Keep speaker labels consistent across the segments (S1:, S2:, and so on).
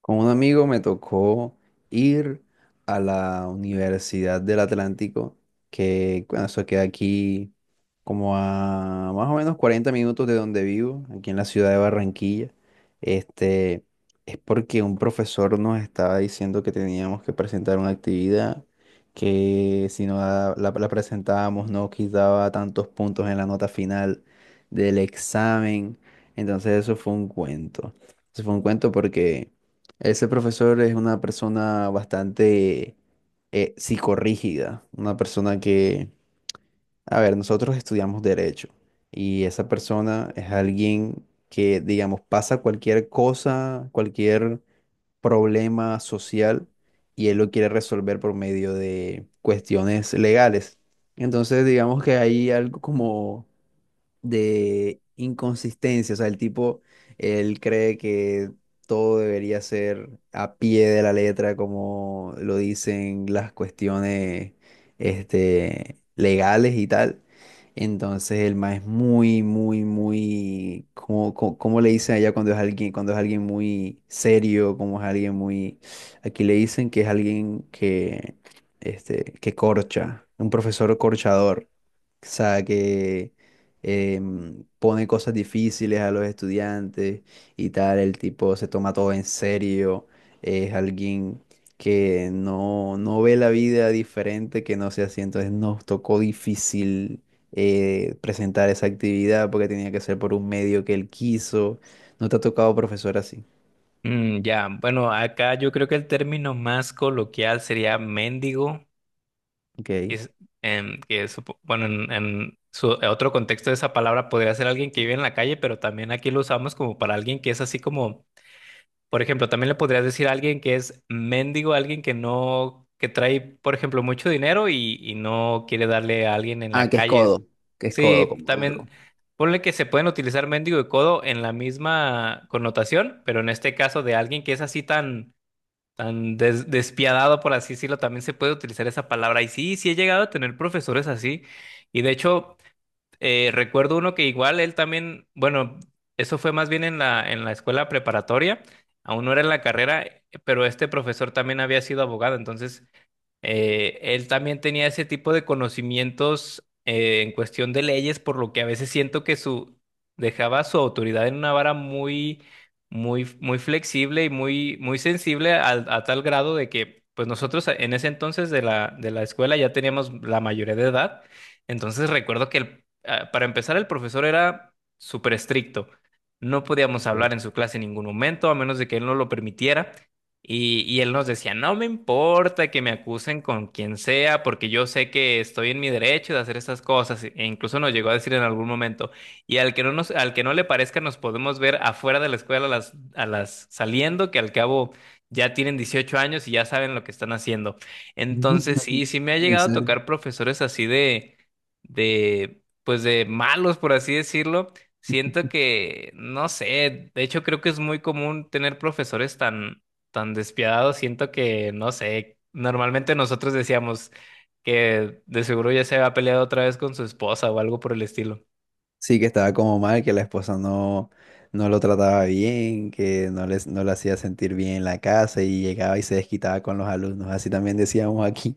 S1: Con un amigo me tocó ir a la Universidad del Atlántico, que bueno, eso queda aquí como a más o menos 40 minutos de donde vivo, aquí en la ciudad de Barranquilla. Este, es porque un profesor nos estaba diciendo que teníamos que presentar una actividad, que si no la presentábamos no quitaba tantos puntos en la nota final del examen. Entonces eso fue un cuento. Eso fue un cuento porque ese profesor es una persona bastante psicorrígida, una persona que, a ver, nosotros estudiamos derecho, y esa persona es alguien que, digamos, pasa cualquier cosa, cualquier problema social, y él lo quiere resolver por medio de cuestiones legales. Entonces, digamos que hay algo como de inconsistencia. O sea, el tipo, él cree que todo debería ser a pie de la letra, como lo dicen las cuestiones, legales y tal. Entonces el man es muy, muy, muy, como, cómo le dicen allá cuando es alguien muy serio, como es alguien muy, aquí le dicen que es alguien que, que corcha, un profesor corchador, o sea, que, pone cosas difíciles a los estudiantes y tal. El tipo se toma todo en serio, es alguien que no, no ve la vida diferente que no sea así. Entonces nos tocó difícil presentar esa actividad porque tenía que ser por un medio que él quiso. ¿No te ha tocado profesor así?
S2: Mm, ya, bueno, acá yo creo que el término más coloquial sería mendigo, y
S1: Ok.
S2: es- que bueno, en su en otro contexto de esa palabra podría ser alguien que vive en la calle, pero también aquí lo usamos como para alguien que es así como, por ejemplo, también le podrías decir a alguien que es mendigo, alguien que no, que trae, por ejemplo, mucho dinero y no quiere darle a alguien en
S1: Ah,
S2: la calle. Es-
S1: que es codo,
S2: Sí,
S1: como
S2: también.
S1: duro.
S2: Ponle que se pueden utilizar mendigo y codo en la misma connotación, pero en este caso de alguien que es así tan tan despiadado, por así decirlo, también se puede utilizar esa palabra. Y sí, sí he llegado a tener profesores así. Y de hecho, recuerdo uno que igual él también, bueno, eso fue más bien en la escuela preparatoria, aún no era en la carrera, pero este profesor también había sido abogado, entonces él también tenía ese tipo de conocimientos en cuestión de leyes, por lo que a veces siento que su dejaba su autoridad en una vara muy, muy, muy flexible y muy, muy sensible a, tal grado de que, pues nosotros en ese entonces de la escuela ya teníamos la mayoría de edad. Entonces recuerdo que para empezar el profesor era súper estricto. No podíamos
S1: Ok.
S2: hablar en su clase en ningún momento, a menos de que él no lo permitiera. Y él nos decía, no me importa que me acusen con quien sea, porque yo sé que estoy en mi derecho de hacer estas cosas. E incluso nos llegó a decir en algún momento, y al que no nos, al que no le parezca, nos podemos ver afuera de la escuela a las saliendo, que al cabo ya tienen 18 años y ya saben lo que están haciendo. Entonces, sí, sí me ha
S1: ¿En
S2: llegado a
S1: serio?
S2: tocar profesores así de, pues de malos, por así decirlo. Siento que, no sé, de hecho creo que es muy común tener profesores tan tan despiadado, siento que, no sé, normalmente nosotros decíamos que de seguro ya se había peleado otra vez con su esposa o algo por el estilo.
S1: Sí, que estaba como mal, que la esposa no lo trataba bien, que no les, no le hacía sentir bien en la casa y llegaba y se desquitaba con los alumnos. Así también decíamos aquí,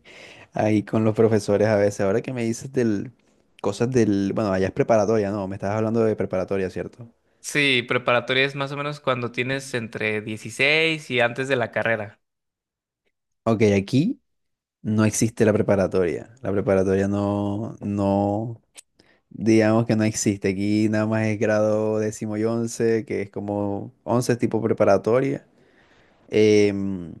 S1: ahí con los profesores a veces. Ahora que me dices del, cosas del, bueno, allá es preparatoria, ¿no? Me estabas hablando de preparatoria, ¿cierto?
S2: Sí, preparatoria es más o menos cuando tienes entre 16 y antes de la carrera.
S1: Ok, aquí no existe la preparatoria. La preparatoria no, no, digamos que no existe. Aquí nada más es grado décimo y once, que es como once tipo preparatoria. em,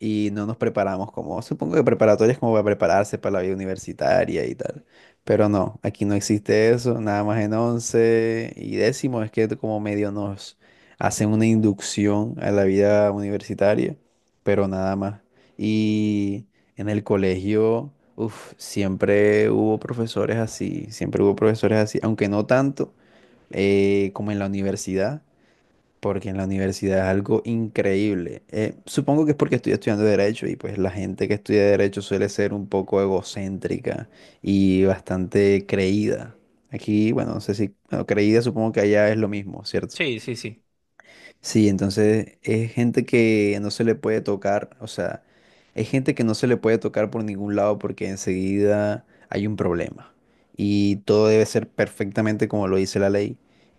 S1: y no nos preparamos como, supongo que preparatoria es como para prepararse para la vida universitaria y tal. Pero no, aquí no existe eso, nada más en once y décimo es que como medio nos hacen una inducción a la vida universitaria, pero nada más. Y en el colegio, uf, siempre hubo profesores así, siempre hubo profesores así, aunque no tanto como en la universidad, porque en la universidad es algo increíble. Supongo que es porque estoy estudiando derecho y pues la gente que estudia derecho suele ser un poco egocéntrica y bastante creída. Aquí, bueno, no sé si, bueno, creída supongo que allá es lo mismo, ¿cierto?
S2: Sí, sí, sí.
S1: Sí, entonces es gente que no se le puede tocar, o sea, es gente que no se le puede tocar por ningún lado porque enseguida hay un problema y todo debe ser perfectamente como lo dice la ley,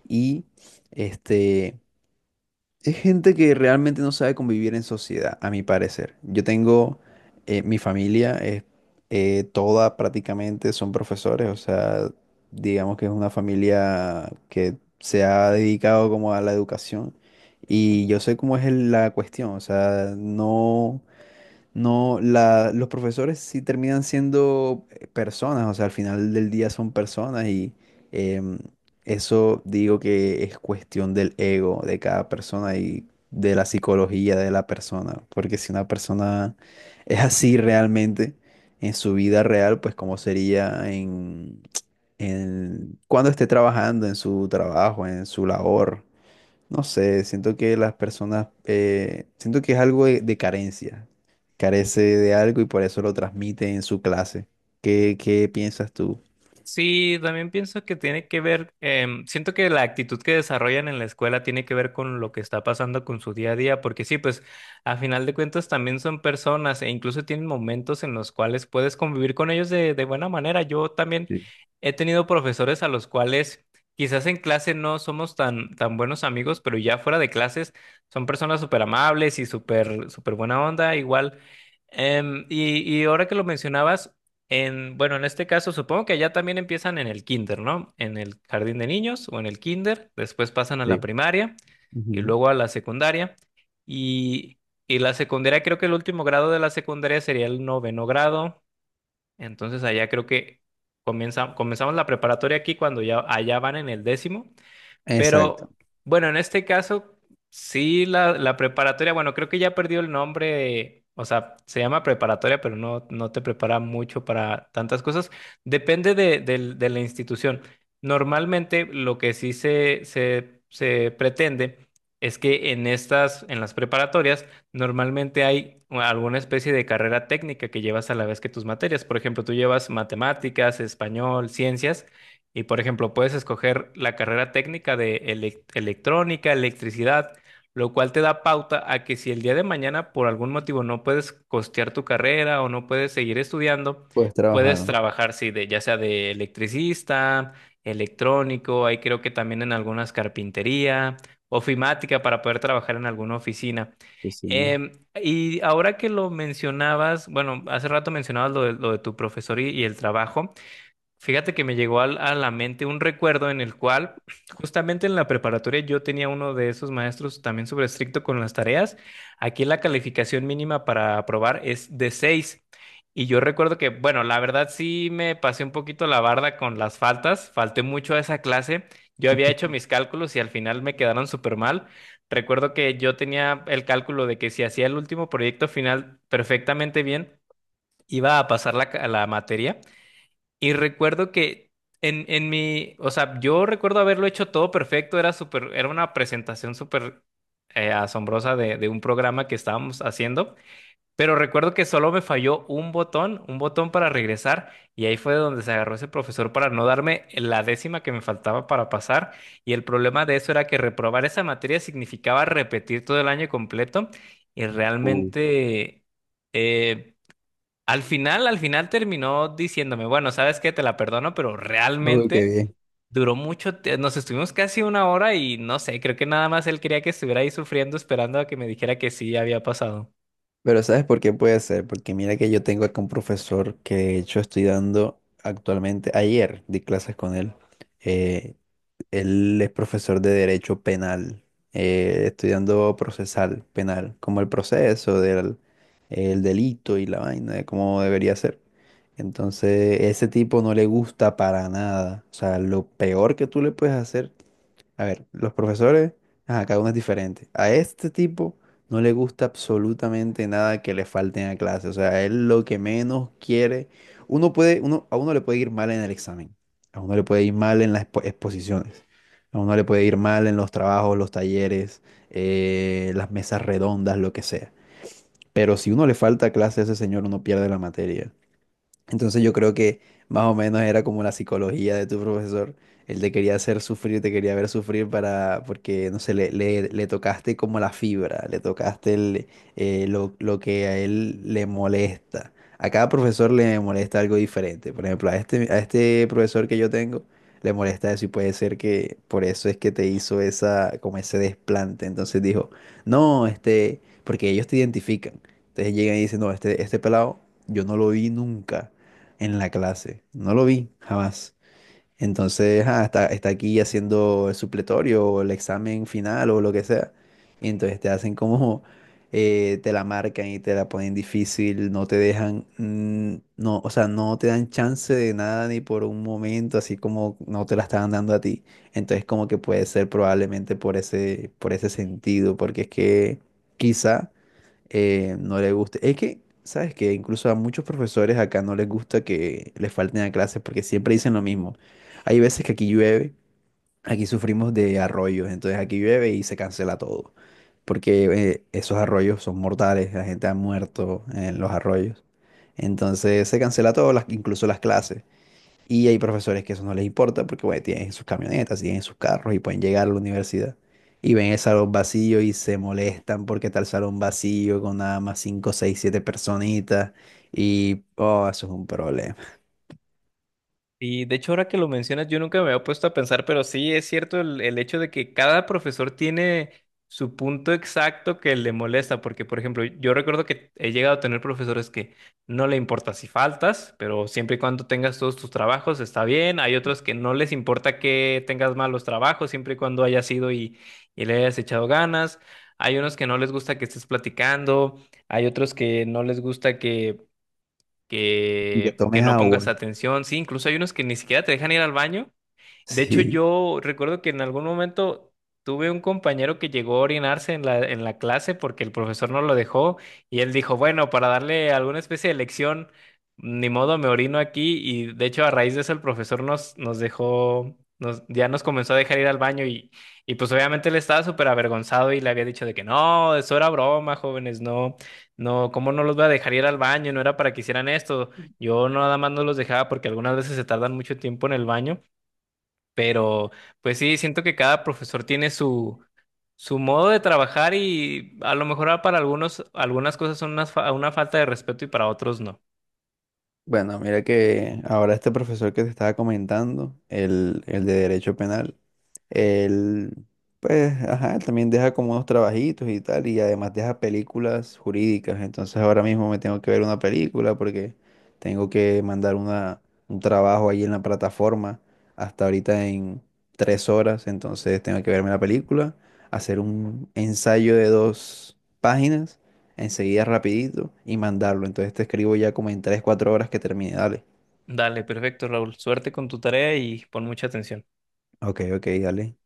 S1: y este es gente que realmente no sabe convivir en sociedad, a mi parecer. Yo tengo, mi familia es toda, prácticamente son profesores, o sea, digamos que es una familia que se ha dedicado como a la educación, y yo sé cómo es el- la cuestión. O sea, no, no, la, los profesores sí terminan siendo personas. O sea, al final del día son personas, y em, eso digo que es cuestión del ego de cada persona y de la psicología de la persona, porque si una persona es así realmente en su vida real, pues cómo sería en cuando esté trabajando, en su trabajo, en su labor. No sé, siento que las personas, siento que es algo de carencia, carece de algo y por eso lo transmite en su clase. ¿Qué piensas tú?
S2: Sí, también pienso que tiene que ver, siento que la actitud que desarrollan en la escuela tiene que ver con lo que está pasando con su día a día, porque sí, pues a final de cuentas también son personas e incluso tienen momentos en los cuales puedes convivir con ellos de buena manera. Yo también
S1: Sí,
S2: he tenido profesores a los cuales quizás en clase no somos tan, tan buenos amigos, pero ya fuera de clases son personas súper amables y súper, súper buena onda, igual. Y ahora que lo mencionabas, en, bueno, en este caso supongo que allá también empiezan en el kinder, ¿no? En el jardín de niños o en el kinder, después pasan a la
S1: sí.
S2: primaria y
S1: Ujú.
S2: luego a la secundaria. Y, y la secundaria, creo que el último grado de la secundaria sería el noveno grado. Entonces allá creo que comenzamos la preparatoria aquí cuando ya allá van en el décimo.
S1: Exacto,
S2: Pero bueno, en este caso, sí, la preparatoria, bueno, creo que ya perdió el nombre o sea, se llama preparatoria, pero no, no te prepara mucho para tantas cosas. Depende de la institución. Normalmente lo que sí se pretende es que en estas, en las preparatorias, normalmente hay alguna especie de carrera técnica que llevas a la vez que tus materias. Por ejemplo, tú llevas matemáticas, español, ciencias. Y por ejemplo, puedes escoger la carrera técnica de electrónica, electricidad, lo cual te da pauta a que si el día de mañana por algún motivo no puedes costear tu carrera o no puedes seguir estudiando,
S1: puedes trabajar,
S2: puedes
S1: ¿no?
S2: trabajar, sí, de, ya sea de electricista, electrónico, ahí creo que también en algunas carpintería, ofimática para poder trabajar en alguna oficina.
S1: Pues sí, ¿no?
S2: Em, y ahora que lo mencionabas, bueno, hace rato mencionabas lo de tu profesor y el trabajo. Fíjate que me llegó a la mente un recuerdo en el cual justamente en la preparatoria yo tenía uno de esos maestros también sobre estricto con las tareas. Aquí la calificación mínima para aprobar es de 6. Y yo recuerdo que, bueno, la verdad sí me pasé un poquito la barda con las faltas, falté mucho a esa clase. Yo había hecho mis cálculos y al final me quedaron súper mal. Recuerdo que yo tenía el cálculo de que si hacía el último proyecto final perfectamente bien, iba a pasar la, la materia. Y recuerdo que en mi, o sea, yo recuerdo haberlo hecho todo perfecto, era súper, era una presentación súper asombrosa de un programa que estábamos haciendo, pero recuerdo que solo me falló un botón para regresar, y ahí fue donde se agarró ese profesor para no darme la décima que me faltaba para pasar, y el problema de eso era que reprobar esa materia significaba repetir todo el año completo, y
S1: Uh,
S2: realmente... eh, al final terminó diciéndome, bueno, sabes qué, te la perdono, pero
S1: uy, qué
S2: realmente
S1: bien.
S2: duró mucho, nos estuvimos casi 1 hora y no sé, creo que nada más él quería que estuviera ahí sufriendo, esperando a que me dijera que sí había pasado.
S1: Pero ¿sabes por qué puede ser? Porque mira que yo tengo acá un profesor que de hecho estoy dando actualmente, ayer di clases con él. Eh, Él es profesor de Derecho Penal, estudiando procesal penal, como el proceso del el delito y la vaina, de cómo debería ser. Entonces, ese tipo no le gusta para nada. O sea, lo peor que tú le puedes hacer, a ver, los profesores, ajá, cada uno es diferente. A este tipo no le gusta absolutamente nada que le falten a clase. O sea, él lo que menos quiere, uno puede, uno, a uno le puede ir mal en el examen, a uno le puede ir mal en las expo- exposiciones, a uno le puede ir mal en los trabajos, los talleres, las mesas redondas, lo que sea. Pero si uno le falta clase a ese señor, uno pierde la materia. Entonces yo creo que más o menos era como la psicología de tu profesor. Él te quería hacer sufrir, te quería ver sufrir para, porque, no sé, le tocaste como la fibra, le tocaste lo que a él le molesta. A cada profesor le molesta algo diferente. Por ejemplo, a este profesor que yo tengo le molesta eso, y puede ser que por eso es que te hizo esa, como ese desplante. Entonces dijo, no, porque ellos te identifican. Entonces llegan y dicen, no, este pelado yo no lo vi nunca en la clase. No lo vi jamás. Entonces, ah, está aquí haciendo el supletorio o el examen final o lo que sea. Y entonces te hacen como, te la marcan y te la ponen difícil, no te dejan, no, o sea, no te dan chance de nada ni por un momento, así como no te la estaban dando a ti. Entonces, como que puede ser probablemente por ese sentido, porque es que quizá no le guste. Es que, sabes que incluso a muchos profesores acá no les gusta que les falten a clases porque siempre dicen lo mismo. Hay veces que aquí llueve, aquí sufrimos de arroyos, entonces aquí llueve y se cancela todo. Porque esos arroyos son mortales, la gente ha muerto en los arroyos. Entonces se cancela todo, las, incluso las clases. Y hay profesores que eso no les importa porque, bueno, tienen sus camionetas, tienen sus carros y pueden llegar a la universidad. Y ven el salón vacío y se molestan porque está el salón vacío con nada más cinco, seis, 7 personitas. Y, oh, eso es un problema.
S2: Y de hecho, ahora que lo mencionas, yo nunca me había puesto a pensar, pero sí es cierto el hecho de que cada profesor tiene su punto exacto que le molesta, porque, por ejemplo, yo recuerdo que he llegado a tener profesores que no le importa si faltas, pero siempre y cuando tengas todos tus trabajos está bien. Hay otros que no les importa que tengas malos trabajos, siempre y cuando hayas ido y le hayas echado ganas. Hay unos que no les gusta que estés platicando, hay otros que no les gusta que
S1: Y que
S2: que
S1: tomes
S2: no
S1: agua.
S2: pongas atención. Sí, incluso hay unos que ni siquiera te dejan ir al baño de hecho,
S1: Sí.
S2: yo recuerdo que en algún momento tuve un compañero que llegó a orinarse en la clase porque el profesor no lo dejó y él dijo, bueno, para darle alguna especie de lección, ni modo, me orino aquí y de hecho a raíz de eso el profesor nos, nos dejó, nos, ya nos comenzó a dejar ir al baño y pues obviamente él estaba súper avergonzado y le había dicho de que no, eso era broma, jóvenes, no, no, ¿cómo no los voy a dejar ir al baño? No era para que hicieran esto. Yo nada más no los dejaba porque algunas veces se tardan mucho tiempo en el baño. Pero, pues sí, siento que cada profesor tiene su, su modo de trabajar y a lo mejor para algunos, algunas cosas son una, una falta de respeto y para otros no.
S1: Bueno, mira que ahora este profesor que te estaba comentando, el de Derecho Penal, él, pues, ajá, él también deja como unos trabajitos y tal, y además deja películas jurídicas. Entonces ahora mismo me tengo que ver una película porque tengo que mandar un trabajo ahí en la plataforma hasta ahorita en 3 horas. Entonces tengo que verme la película, hacer un ensayo de 2 páginas enseguida rapidito y mandarlo. Entonces te escribo ya como en 3 4 horas que termine. Dale.
S2: Dale, perfecto, Raúl. Suerte con tu tarea y pon mucha atención.
S1: Ok, ok, dale.